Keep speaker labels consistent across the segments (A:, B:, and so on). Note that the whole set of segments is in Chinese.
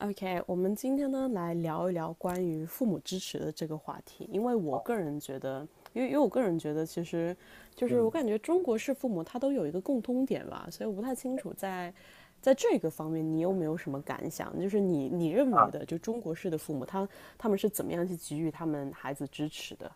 A: OK，我们今天呢来聊一聊关于父母支持的这个话题，因为我个人觉得，其实就是我
B: 嗯
A: 感觉中国式父母他都有一个共通点吧，所以我不太清楚在这个方面你有没有什么感想，就是你认为
B: 啊，
A: 的就中国式的父母他们是怎么样去给予他们孩子支持的？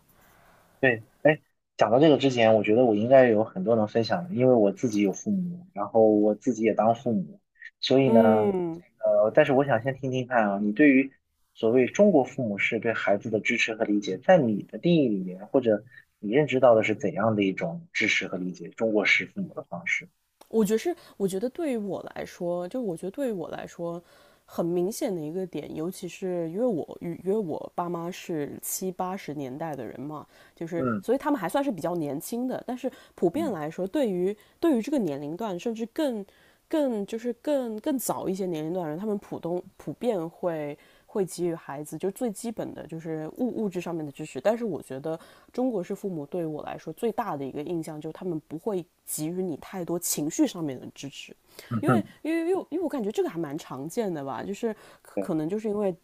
B: 对，哎，讲到这个之前，我觉得我应该有很多能分享的，因为我自己有父母，然后我自己也当父母，所以呢，
A: 嗯
B: 但是我想先听听看啊，你对于所谓中国父母是对孩子的支持和理解，在你的定义里面，或者你认知到的是怎样的一种支持和理解中国式父母的方式？
A: 我觉得是，我觉得对于我来说，很明显的一个点，尤其是因为我爸妈是七八十年代的人嘛，就是
B: 嗯
A: 所以他们还算是比较年轻的，但是普遍
B: 嗯
A: 来说，对于这个年龄段，甚至更更就是更更早一些年龄段的人，他们普遍会给予孩子就最基本的就是物质上面的支持。但是我觉得中国式父母对我来说最大的一个印象就是他们不会给予你太多情绪上面的支持，
B: 嗯
A: 因为
B: 嗯，
A: 因为因为因为我感觉这个还蛮常见的吧，就是
B: 对
A: 可能就是因为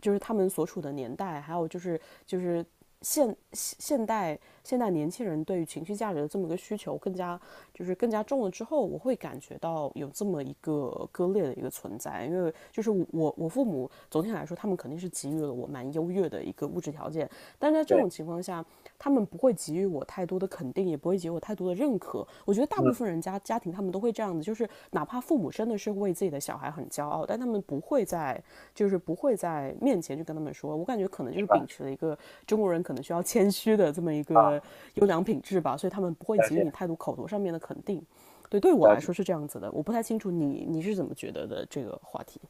A: 就是他们所处的年代，还有就是现现代年轻人对于情绪价值的这么一个需求更加就是更加重了之后，我会感觉到有这么一个割裂的一个存在。因为就是我父母总体来说，他们肯定是给予了我蛮优越的一个物质条件，但在这
B: 对，
A: 种情况下，他们不会给予我太多的肯定，也不会给予我太多的认可。我觉得大部
B: 嗯，
A: 分人家庭他们都会这样子，就是哪怕父母真的是为自己的小孩很骄傲，但他们不会在就是不会在面前去跟他们说。我感觉可能就
B: 明
A: 是秉
B: 白
A: 持了一个中国人可能需要谦虚的这么一个
B: 啊，
A: 优良品质吧，所以他们不会
B: 了
A: 给予
B: 解
A: 你太多口头上面的肯定。对，对我
B: 了
A: 来说
B: 解。
A: 是这样子的，我不太清楚你是怎么觉得的这个话题。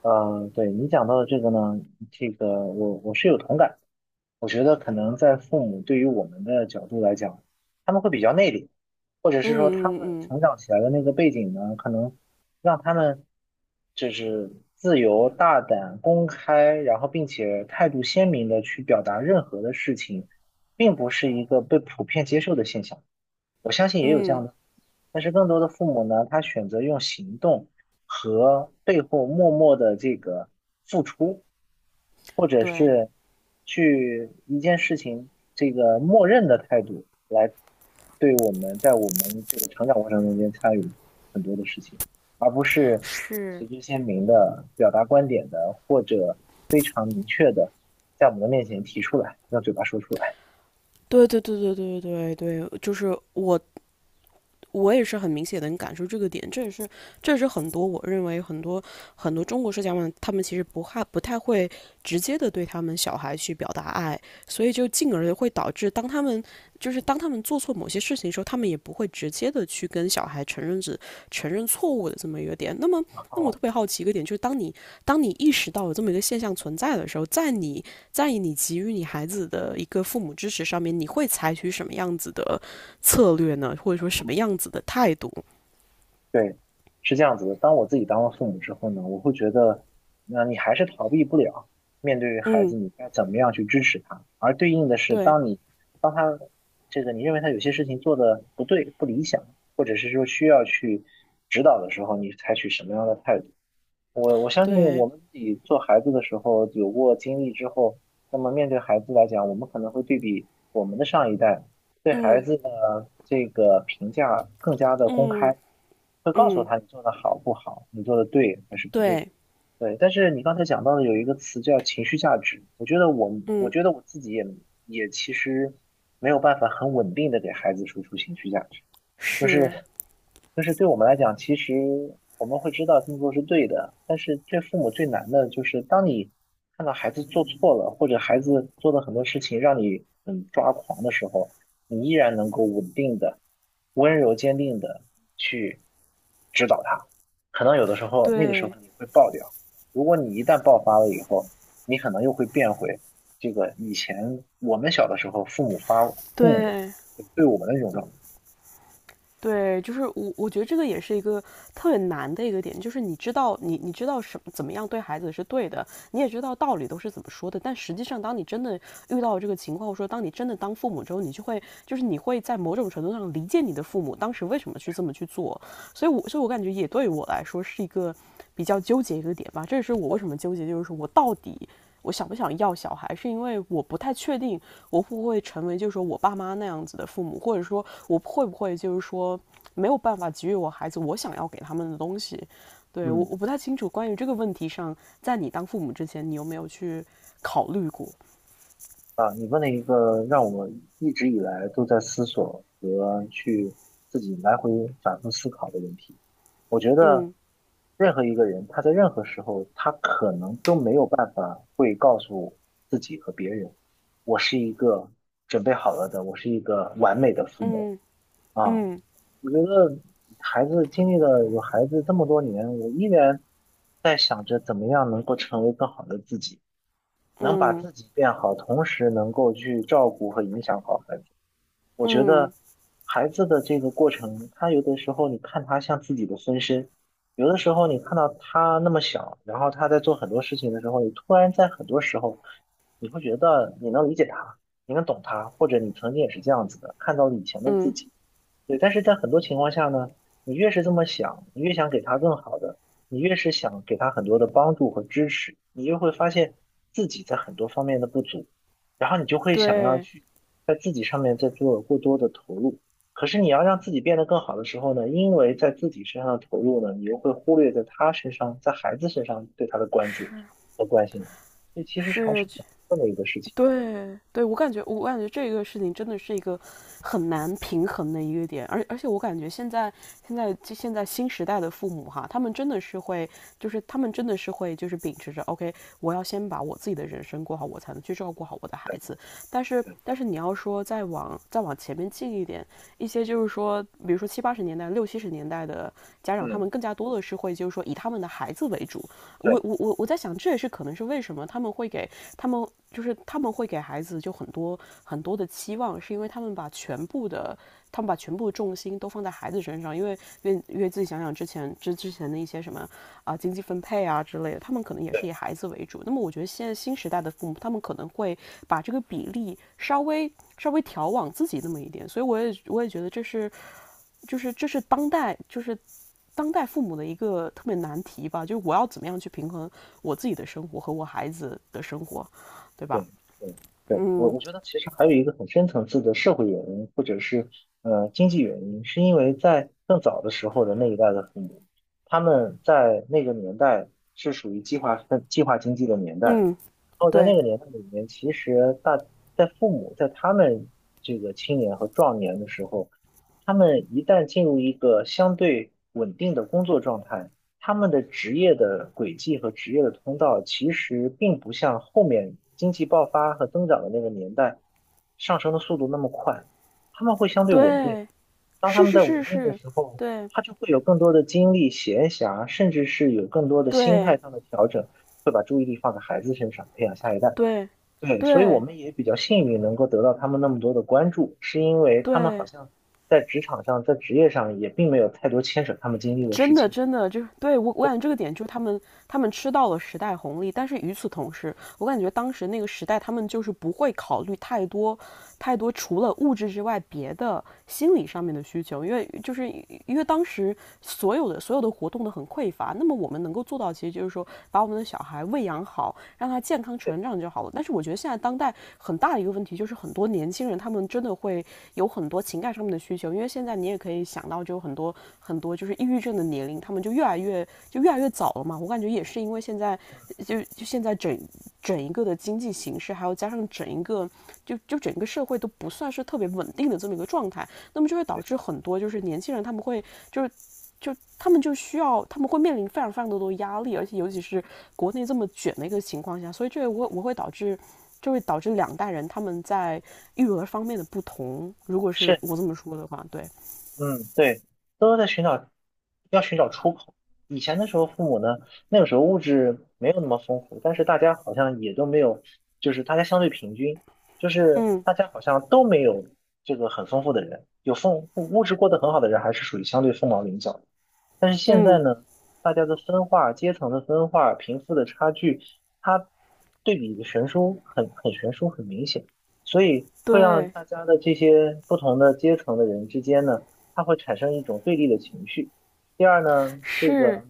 B: 呃，对你讲到的这个呢，这个我是有同感。我觉得可能在父母对于我们的角度来讲，他们会比较内敛，或者是说他
A: 嗯
B: 们
A: 嗯
B: 成长起来的那个背景呢，可能让他们就是自由、大胆、公开，然后并且态度鲜明的去表达任何的事情，并不是一个被普遍接受的现象。我相信也有这
A: 嗯
B: 样
A: 嗯，
B: 的。但是更多的父母呢，他选择用行动和背后默默的这个付出，或者
A: 对。
B: 是去一件事情这个默认的态度来对我们在我们这个成长过程中间参与很多的事情，而不是
A: 是，
B: 旗帜鲜明的表达观点的，或者非常明确的在我们的面前提出来，用嘴巴说出来。
A: 对对对对对对对，就是我也是很明显能感受这个点，这也是很多我认为很多中国社家们他们其实不太会直接的对他们小孩去表达爱，所以就进而会导致当他们做错某些事情的时候，他们也不会直接的去跟小孩承认错误的这么一个点。那么我
B: 哦
A: 特别好奇一个点就是，当你意识到有这么一个现象存在的时候，在你给予你孩子的一个父母支持上面，你会采取什么样子的策略呢，或者说什么样子的态度？
B: 对，是这样子的。当我自己当了父母之后呢，我会觉得，那你还是逃避不了面对孩
A: 嗯，
B: 子，你该怎么样去支持他。而对应的是，
A: 对
B: 当你当他这个你认为他有些事情做的不对、不理想，或者是说需要去指导的时候，你采取什么样的态度？我相信
A: 对，
B: 我们自己做孩子的时候有过经历之后，那么面对孩子来讲，我们可能会对比我们的上一代对孩
A: 嗯
B: 子的这个评价更加的公
A: 嗯
B: 开，会告诉
A: 嗯，
B: 他你做的好不好，你做的对还是不对。
A: 对，
B: 对，但是你刚才讲到的有一个词叫情绪价值，我觉得我
A: 嗯
B: 觉得我自己也也其实没有办法很稳定的给孩子输出情绪价值。就
A: 是，
B: 是就是对我们来讲，其实我们会知道这么做是对的，但是对父母最难的就是当你看到孩子做错了，或者孩子做的很多事情让你很抓狂的时候，你依然能够稳定的、温柔坚定的去指导他。可能有的时候那个时
A: 对
B: 候你会爆掉，如果你一旦爆发了以后，你可能又会变回这个以前我们小的时候父母
A: 对。
B: 对我们的那种状态。
A: 对，就是我觉得这个也是一个特别难的一个点，就是你知道你知道什么怎么样对孩子是对的，你也知道道理都是怎么说的，但实际上当你真的遇到这个情况，或者说当你真的当父母之后，你就会就是你会在某种程度上理解你的父母当时为什么去这么去做，所以我感觉也对我来说是一个比较纠结一个点吧，这也是我为什么纠结，就是说我到底我想不想要小孩，是因为我不太确定我会不会成为就是说我爸妈那样子的父母，或者说我会不会就是说没有办法给予我孩子我想要给他们的东西。对我
B: 嗯。
A: 我不太清楚关于这个问题上，在你当父母之前，你有没有去考虑过？
B: 啊，你问了一个让我一直以来都在思索和去自己来回反复思考的问题。我觉得
A: 嗯
B: 任何一个人，他在任何时候，他可能都没有办法会告诉自己和别人，我是一个准备好了的，我是一个完美的父母
A: 嗯
B: 啊。
A: 嗯
B: 我觉得孩子经历了有孩子这么多年，我依然在想着怎么样能够成为更好的自己。能把
A: 嗯
B: 自己变好，同时能够去照顾和影响好孩子。我觉
A: 嗯
B: 得孩子的这个过程，他有的时候你看他像自己的分身，有的时候你看到他那么小，然后他在做很多事情的时候，你突然在很多时候，你会觉得你能理解他，你能懂他，或者你曾经也是这样子的，看到了以前的自
A: 嗯，
B: 己。对，但是在很多情况下呢，你越是这么想，你越想给他更好的，你越是想给他很多的帮助和支持，你就会发现自己在很多方面的不足，然后你就会想要
A: 对，
B: 去在自己上面再做过多的投入。可是你要让自己变得更好的时候呢，因为在自己身上的投入呢，你又会忽略在他身上，在孩子身上对他的关注
A: 是
B: 和关心，所以其实是还
A: 是，
B: 是挺难的一个事情。
A: 对对，我感觉这个事情真的是一个很难平衡的一个点，而且我感觉现在新时代的父母哈，他们真的是会，就是他们真的是会就是秉持着 OK，我要先把我自己的人生过好，我才能去照顾好我的孩
B: 对
A: 子。但是
B: 对，
A: 但是你要说再往前面进一点，一些就是说，比如说七八十年代、六七十年代的家长，他
B: 嗯，
A: 们更加多的是会就是说以他们的孩子为主。
B: 对
A: 我
B: 对。
A: 我我我在想，这也是可能是为什么他们他们会给孩子就很多很多的期望，是因为他们把全部重心都放在孩子身上，因为自己想想之前的一些什么啊、经济分配啊之类的，他们可能也是以孩子为主。那么我觉得现在新时代的父母，他们可能会把这个比例稍微调往自己那么一点，所以我也觉得这是当代父母的一个特别难题吧，就是我要怎么样去平衡我自己的生活和我孩子的生活，对吧？
B: 对对对，我
A: 嗯
B: 我觉得其实还有一个很深层次的社会原因，或者是经济原因，是因为在更早的时候的那一代的父母，他们在那个年代是属于计划经济的年代，然
A: 嗯，
B: 后在
A: 对
B: 那个年代里面，其实大在父母在他们这个青年和壮年的时候，他们一旦进入一个相对稳定的工作状态。他们的职业的轨迹和职业的通道，其实并不像后面经济爆发和增长的那个年代上升的速度那么快，他们会相对稳定。
A: 对，
B: 当他
A: 是
B: 们
A: 是
B: 在
A: 是
B: 稳定的
A: 是，
B: 时候，
A: 对
B: 他就会有更多的精力、闲暇，甚至是有更多的心态
A: 对
B: 上的调整，会把注意力放在孩子身上，培养下一代。
A: 对
B: 对，所以我
A: 对
B: 们也比较幸运，能够得到他们那么多的关注，是因为他们好
A: 对
B: 像在职场上、在职业上也并没有太多牵扯他们经历的事
A: 真的，
B: 情。
A: 真的，就是对我感觉这个点就是他们，他们吃到了时代红利，但是与此同时，我感觉当时那个时代，他们就是不会考虑太多，太多除了物质之外别的心理上面的需求，因为就是因为当时所有的活动都很匮乏，那么我们能够做到，其实就是说把我们的小孩喂养好，让他健康
B: 对，
A: 成长就好了。但是我觉得现在当代很大的一个问题就是，很多年轻人他们真的会有很多情感上面的需求，因为现在你也可以想到，就很多很多就是抑郁症的年龄，他们就越来越早了嘛。我感觉也是因为现在整一个的经济形势，还有加上整一个就就整个社会都不算是特别稳定的这么一个状态，那么就会导
B: 没
A: 致
B: 错。
A: 很多就是年轻人他们会就是就他们就需要，他们会面临非常非常多的压力，而且尤其是国内这么卷的一个情况下，所以这会导致，就会导致两代人他们在育儿方面的不同。如果是
B: 是
A: 我这么说的话，对，
B: 嗯，对，都在寻找，要寻找出口。以前的时候，父母呢，那个时候物质没有那么丰富，但是大家好像也都没有，就是大家相对平均，就是
A: 嗯
B: 大家好像都没有这个很丰富的人，物质过得很好的人，还是属于相对凤毛麟角的。但是现在
A: 嗯，
B: 呢，大家的分化、阶层的分化、贫富的差距，它对比的悬殊很悬殊很明显，所以会让
A: 对，
B: 大家的这些不同的阶层的人之间呢，它会产生一种对立的情绪。第二呢，这
A: 是，
B: 个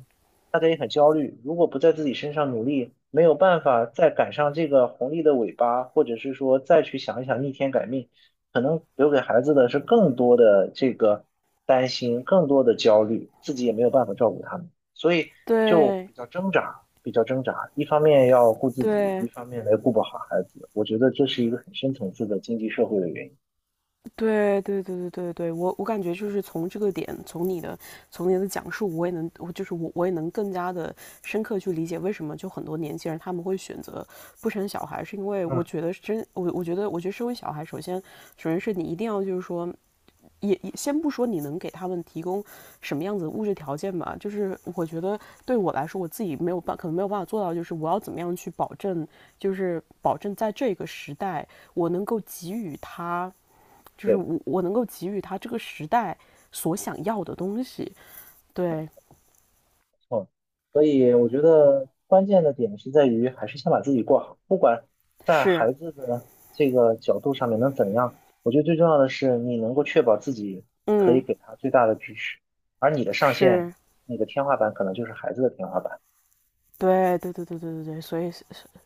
B: 大家也很焦虑，如果不在自己身上努力，没有办法再赶上这个红利的尾巴，或者是说再去想一想逆天改命。可能留给孩子的是更多的这个担心，更多的焦虑，自己也没有办法照顾他们，所以就
A: 对
B: 比较挣扎，比较挣扎。一方面要顾自己，一
A: 对。
B: 方面来顾不好孩子，我觉得这是一个很深层次的经济社会的原因。
A: 对对对对对对，我感觉就是从这个点，从你的讲述，我也能，我就是我我也能更加的深刻去理解为什么就很多年轻人他们会选择不生小孩，是因为我
B: 嗯，
A: 觉得我觉得生完小孩，首先是你一定要就是说。也先不说你能给他们提供什么样子的物质条件吧，就是我觉得对我来说，我自己没有办，可能没有办法做到，就是我要怎么样去保证，就是保证在这个时代，我能够给予他就是
B: 对。
A: 我我能够给予他这个时代所想要的东西。对，
B: 嗯，所以我觉得关键的点是在于，还是先把自己过好，不管在
A: 是，
B: 孩子的这个角度上面能怎样，我觉得最重要的是你能够确保自己可以
A: 嗯，
B: 给他最大的支持，而你的上限，
A: 是，
B: 你的天花板可能就是孩子的天花板。
A: 对，对，对，对，对，对，对，所以，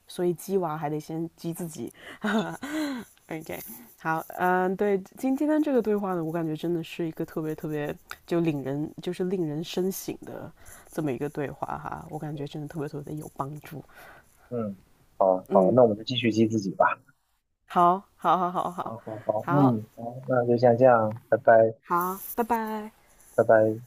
A: 所以鸡娃还得先鸡自己。OK，好，嗯，对，今天这个对话呢，我感觉真的是一个特别特别就令人就是令人深省的这么一个对话哈，我感觉真的特别特别有帮助。
B: 嗯，好，
A: 嗯，
B: 那我们就继续激自己吧。
A: 好，好，好，好，
B: 好
A: 好，
B: 好好，
A: 好，
B: 嗯，好，那就先这样，拜拜，
A: 好，拜拜。
B: 拜拜。